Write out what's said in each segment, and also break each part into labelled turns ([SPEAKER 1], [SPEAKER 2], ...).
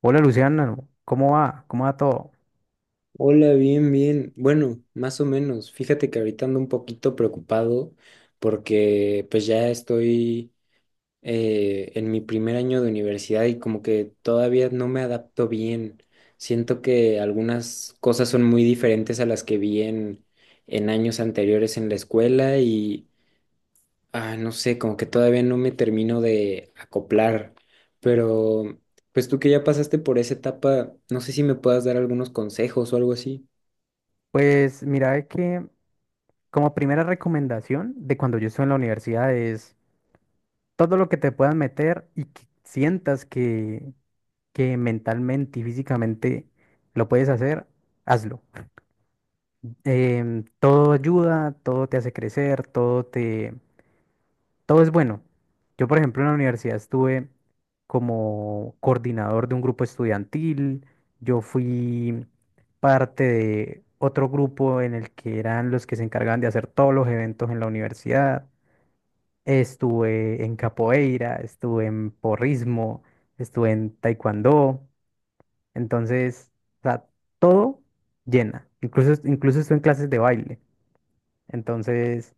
[SPEAKER 1] Hola Luciana, ¿cómo va? ¿Cómo va todo?
[SPEAKER 2] Hola, bien, bien. Bueno, más o menos. Fíjate que ahorita ando un poquito preocupado porque pues ya estoy en mi primer año de universidad y como que todavía no me adapto bien. Siento que algunas cosas son muy diferentes a las que vi en años anteriores en la escuela y, no sé, como que todavía no me termino de acoplar. Pero pues tú que ya pasaste por esa etapa, no sé si me puedas dar algunos consejos o algo así.
[SPEAKER 1] Pues mira de que como primera recomendación de cuando yo estuve en la universidad es todo lo que te puedas meter y que sientas que mentalmente y físicamente lo puedes hacer, hazlo. Todo ayuda, todo te hace crecer, todo te Todo es bueno. Yo, por ejemplo, en la universidad estuve como coordinador de un grupo estudiantil. Yo fui parte de otro grupo en el que eran los que se encargaban de hacer todos los eventos en la universidad. Estuve en capoeira, estuve en porrismo, estuve en taekwondo. Entonces, o sea, todo llena. Incluso estuve en clases de baile. Entonces...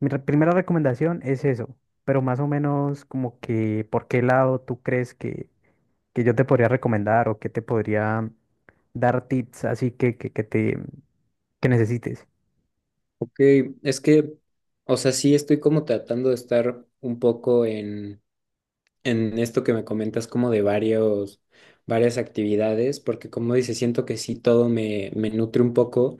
[SPEAKER 1] Primera recomendación es eso, pero más o menos como que por qué lado tú crees que yo te podría recomendar o que te podría dar tips así que te que necesites.
[SPEAKER 2] Ok, es que, o sea, sí estoy como tratando de estar un poco en esto que me comentas como de varias actividades, porque como dices, siento que sí todo me nutre un poco,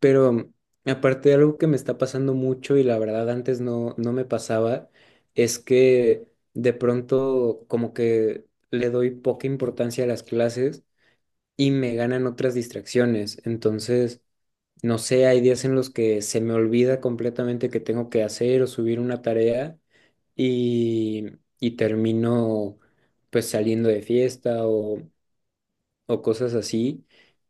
[SPEAKER 2] pero aparte de algo que me está pasando mucho y la verdad antes no me pasaba, es que de pronto como que le doy poca importancia a las clases y me ganan otras distracciones, entonces. No sé, hay días en los que se me olvida completamente que tengo que hacer o subir una tarea y, y termino pues saliendo de fiesta o cosas así.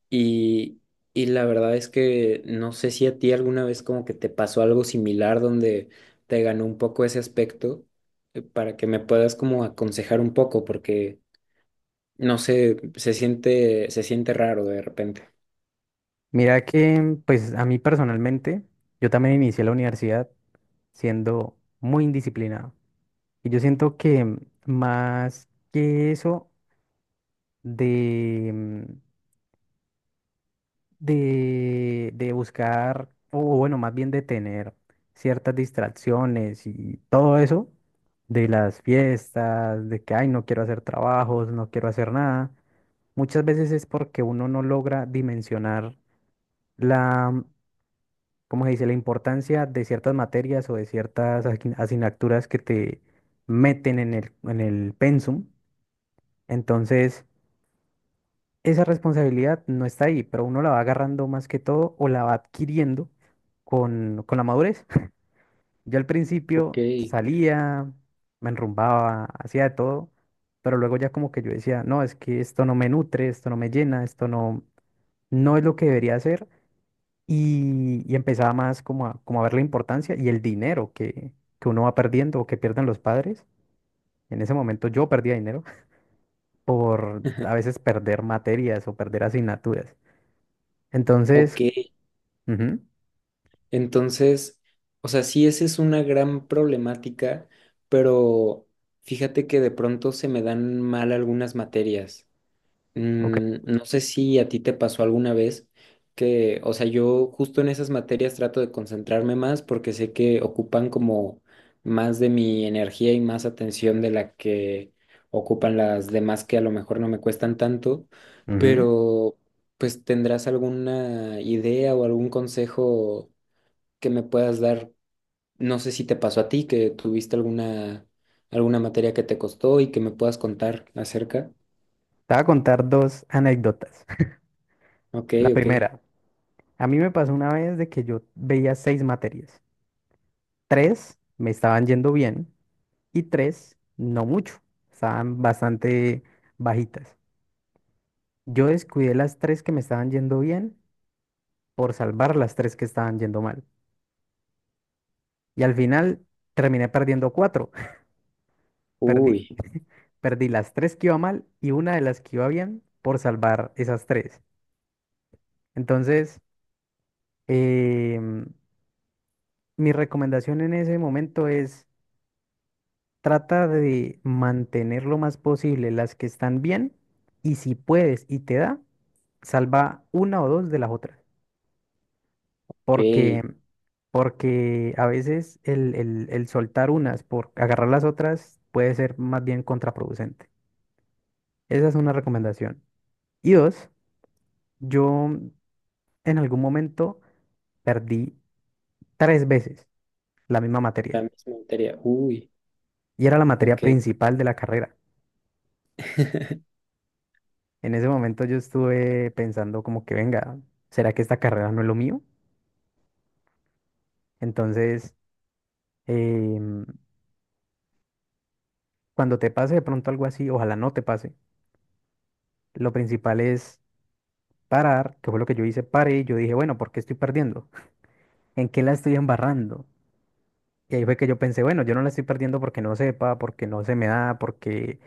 [SPEAKER 2] Y, y la verdad es que no sé si a ti alguna vez como que te pasó algo similar donde te ganó un poco ese aspecto para que me puedas como aconsejar un poco porque no sé, se siente raro de repente.
[SPEAKER 1] Mira que pues a mí personalmente, yo también inicié la universidad siendo muy indisciplinado y yo siento que más que eso de, mm, de, buscar, o bueno, más bien de tener ciertas distracciones y todo eso, de las fiestas, de que, ay, no quiero hacer trabajos, no quiero hacer nada, muchas veces es porque uno no logra dimensionar la, ¿cómo se dice?, la importancia de ciertas materias o de ciertas asignaturas que te meten en el pensum. Entonces, esa responsabilidad no está ahí, pero uno la va agarrando más que todo o la va adquiriendo con la madurez. Yo al
[SPEAKER 2] Ok.
[SPEAKER 1] principio salía, me enrumbaba, hacía de todo, pero luego ya como que yo decía, no, es que esto no me nutre, esto no me llena, esto no, no es lo que debería hacer. Y empezaba más como como a ver la importancia y el dinero que uno va perdiendo o que pierden los padres. En ese momento yo perdía dinero por a veces perder materias o perder asignaturas. Entonces,
[SPEAKER 2] Ok,
[SPEAKER 1] ujú.
[SPEAKER 2] entonces, o sea, sí, esa es una gran problemática, pero fíjate que de pronto se me dan mal algunas materias.
[SPEAKER 1] Ok.
[SPEAKER 2] Mm, no sé si a ti te pasó alguna vez que, o sea, yo justo en esas materias trato de concentrarme más porque sé que ocupan como más de mi energía y más atención de la que ocupan las demás que a lo mejor no me cuestan tanto,
[SPEAKER 1] Ujú.
[SPEAKER 2] pero pues ¿tendrás alguna idea o algún consejo que me puedas dar? No sé si te pasó a ti, que tuviste alguna materia que te costó y que me puedas contar acerca.
[SPEAKER 1] Te voy a contar dos anécdotas.
[SPEAKER 2] Ok,
[SPEAKER 1] La
[SPEAKER 2] ok.
[SPEAKER 1] primera, a mí me pasó una vez de que yo veía seis materias. Tres me estaban yendo bien y tres no mucho. Estaban bastante bajitas. Yo descuidé las tres que me estaban yendo bien por salvar las tres que estaban yendo mal. Y al final terminé perdiendo cuatro. Perdí,
[SPEAKER 2] Uy,
[SPEAKER 1] perdí las tres que iba mal y una de las que iba bien por salvar esas tres. Entonces, em, mi recomendación en ese momento es trata de mantener lo más posible las que están bien y si puedes y te da, salva una o dos de las otras. Porque,
[SPEAKER 2] ok.
[SPEAKER 1] porque a veces el soltar unas por agarrar las otras puede ser más bien contraproducente. Esa es una recomendación. Y dos, yo en algún momento perdí tres veces la misma
[SPEAKER 2] La
[SPEAKER 1] materia
[SPEAKER 2] misma materia. Uy,
[SPEAKER 1] y era la materia
[SPEAKER 2] ok.
[SPEAKER 1] principal de la carrera. En ese momento yo estuve pensando como que, venga, ¿será que esta carrera no es lo mío? Entonces, em, cuando te pase de pronto algo así, ojalá no te pase. Lo principal es parar, que fue lo que yo hice, paré y yo dije, bueno, ¿por qué estoy perdiendo? ¿En qué la estoy embarrando? Y ahí fue que yo pensé, bueno, yo no la estoy perdiendo porque no sepa, porque no se me da, porque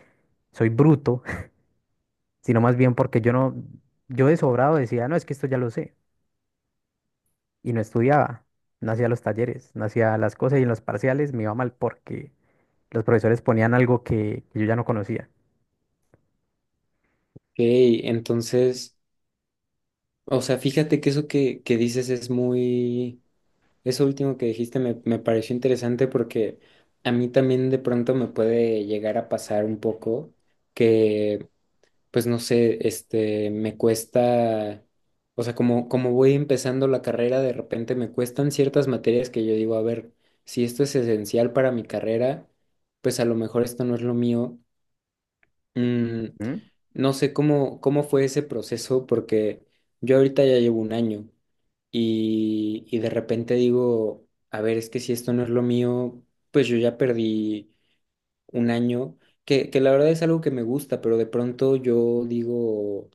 [SPEAKER 1] soy bruto, sino más bien porque yo no, yo de sobrado decía, no, es que esto ya lo sé. Y no estudiaba, no hacía los talleres, no hacía las cosas y en los parciales me iba mal porque... los profesores ponían algo que yo ya no conocía.
[SPEAKER 2] Ok, entonces, o sea, fíjate que eso que dices es eso último que dijiste me pareció interesante porque a mí también de pronto me puede llegar a pasar un poco que pues no sé, este, me cuesta, o sea, como voy empezando la carrera, de repente me cuestan ciertas materias que yo digo, a ver, si esto es esencial para mi carrera, pues a lo mejor esto no es lo mío. Mm,
[SPEAKER 1] ¿Mm?
[SPEAKER 2] no sé cómo fue ese proceso, porque yo ahorita ya llevo un año y de repente digo, a ver, es que si esto no es lo mío, pues yo ya perdí un año, que la verdad es algo que me gusta, pero de pronto yo digo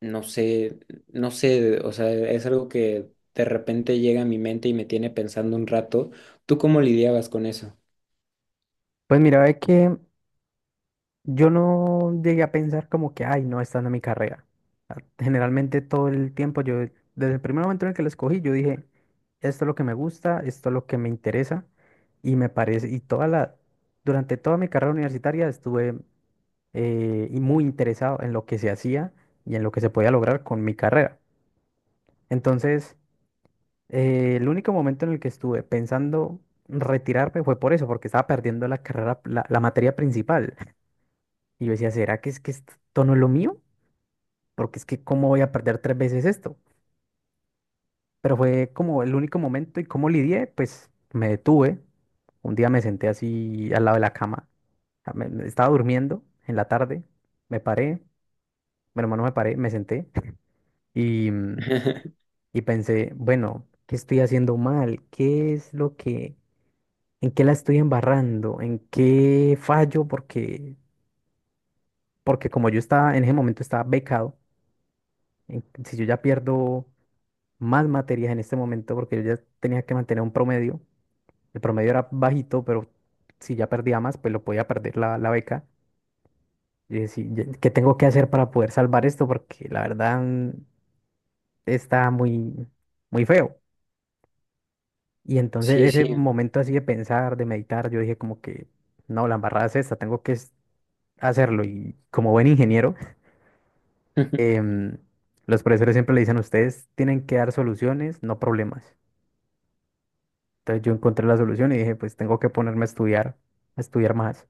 [SPEAKER 2] no sé, no sé, o sea, es algo que de repente llega a mi mente y me tiene pensando un rato. ¿Tú cómo lidiabas con eso?
[SPEAKER 1] Pues mira, ve que yo no llegué a pensar como que, ay, no, esta no es mi carrera. Ah, generalmente todo el tiempo, yo desde el primer momento en el que la escogí, yo dije, esto es lo que me gusta, esto es lo que me interesa y me parece, y toda la, durante toda mi carrera universitaria estuve y muy interesado en lo que se hacía y en lo que se podía lograr con mi carrera. Entonces, el único momento en el que estuve pensando retirarme fue por eso, porque estaba perdiendo la carrera, la materia principal. Y yo decía, ¿será que es que esto no es lo mío? Porque es que ¿cómo voy a perder tres veces esto? Pero fue como el único momento y cómo lidié, pues me detuve. Un día me senté así al lado de la cama. A- me- me Estaba durmiendo en la tarde, me paré, bueno, no me paré, me senté y, mm, y pensé, bueno, ¿qué estoy haciendo mal? ¿Qué es lo que... en qué la estoy embarrando, en qué fallo, porque, porque como yo estaba en ese momento estaba becado, si yo ya pierdo más materias en este momento, porque yo ya tenía que mantener un promedio, el promedio era bajito, pero si ya perdía más, pues lo podía perder la beca. Y decir, ¿qué tengo que hacer para poder salvar esto? Porque la verdad está muy, muy feo. Y entonces
[SPEAKER 2] Sí,
[SPEAKER 1] ese
[SPEAKER 2] sí.
[SPEAKER 1] momento así de pensar, de meditar, yo dije como que, no, la embarrada es esta, hacerlo. Y como buen ingeniero, em, los profesores siempre le dicen, ustedes tienen que dar soluciones, no problemas. Entonces yo encontré la solución y dije, pues tengo que ponerme a estudiar más,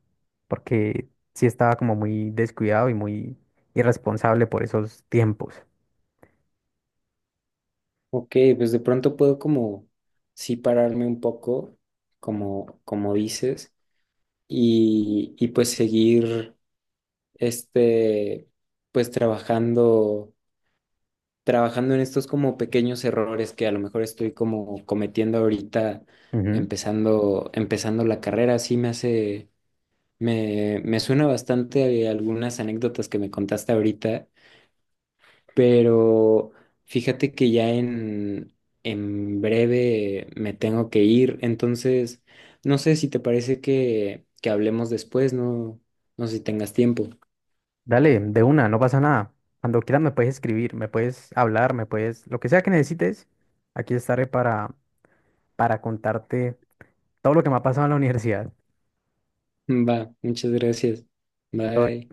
[SPEAKER 1] porque sí estaba como muy descuidado y muy irresponsable por esos tiempos.
[SPEAKER 2] Ok, pues de pronto puedo como sí pararme un poco, como, como dices, y pues seguir este, pues trabajando, trabajando en estos como pequeños errores que a lo mejor estoy como cometiendo ahorita
[SPEAKER 1] Ujú.
[SPEAKER 2] empezando la carrera. Sí me hace. Me suena bastante a algunas anécdotas que me contaste ahorita, pero fíjate que ya en breve me tengo que ir, entonces no sé si te parece que hablemos después, no, no sé si tengas tiempo.
[SPEAKER 1] Dale, de una, no pasa nada. Cuando quieras me puedes escribir, me puedes hablar, me puedes, lo que sea que necesites, aquí estaré para contarte todo lo que me ha pasado en la universidad.
[SPEAKER 2] Va, muchas gracias. Bye.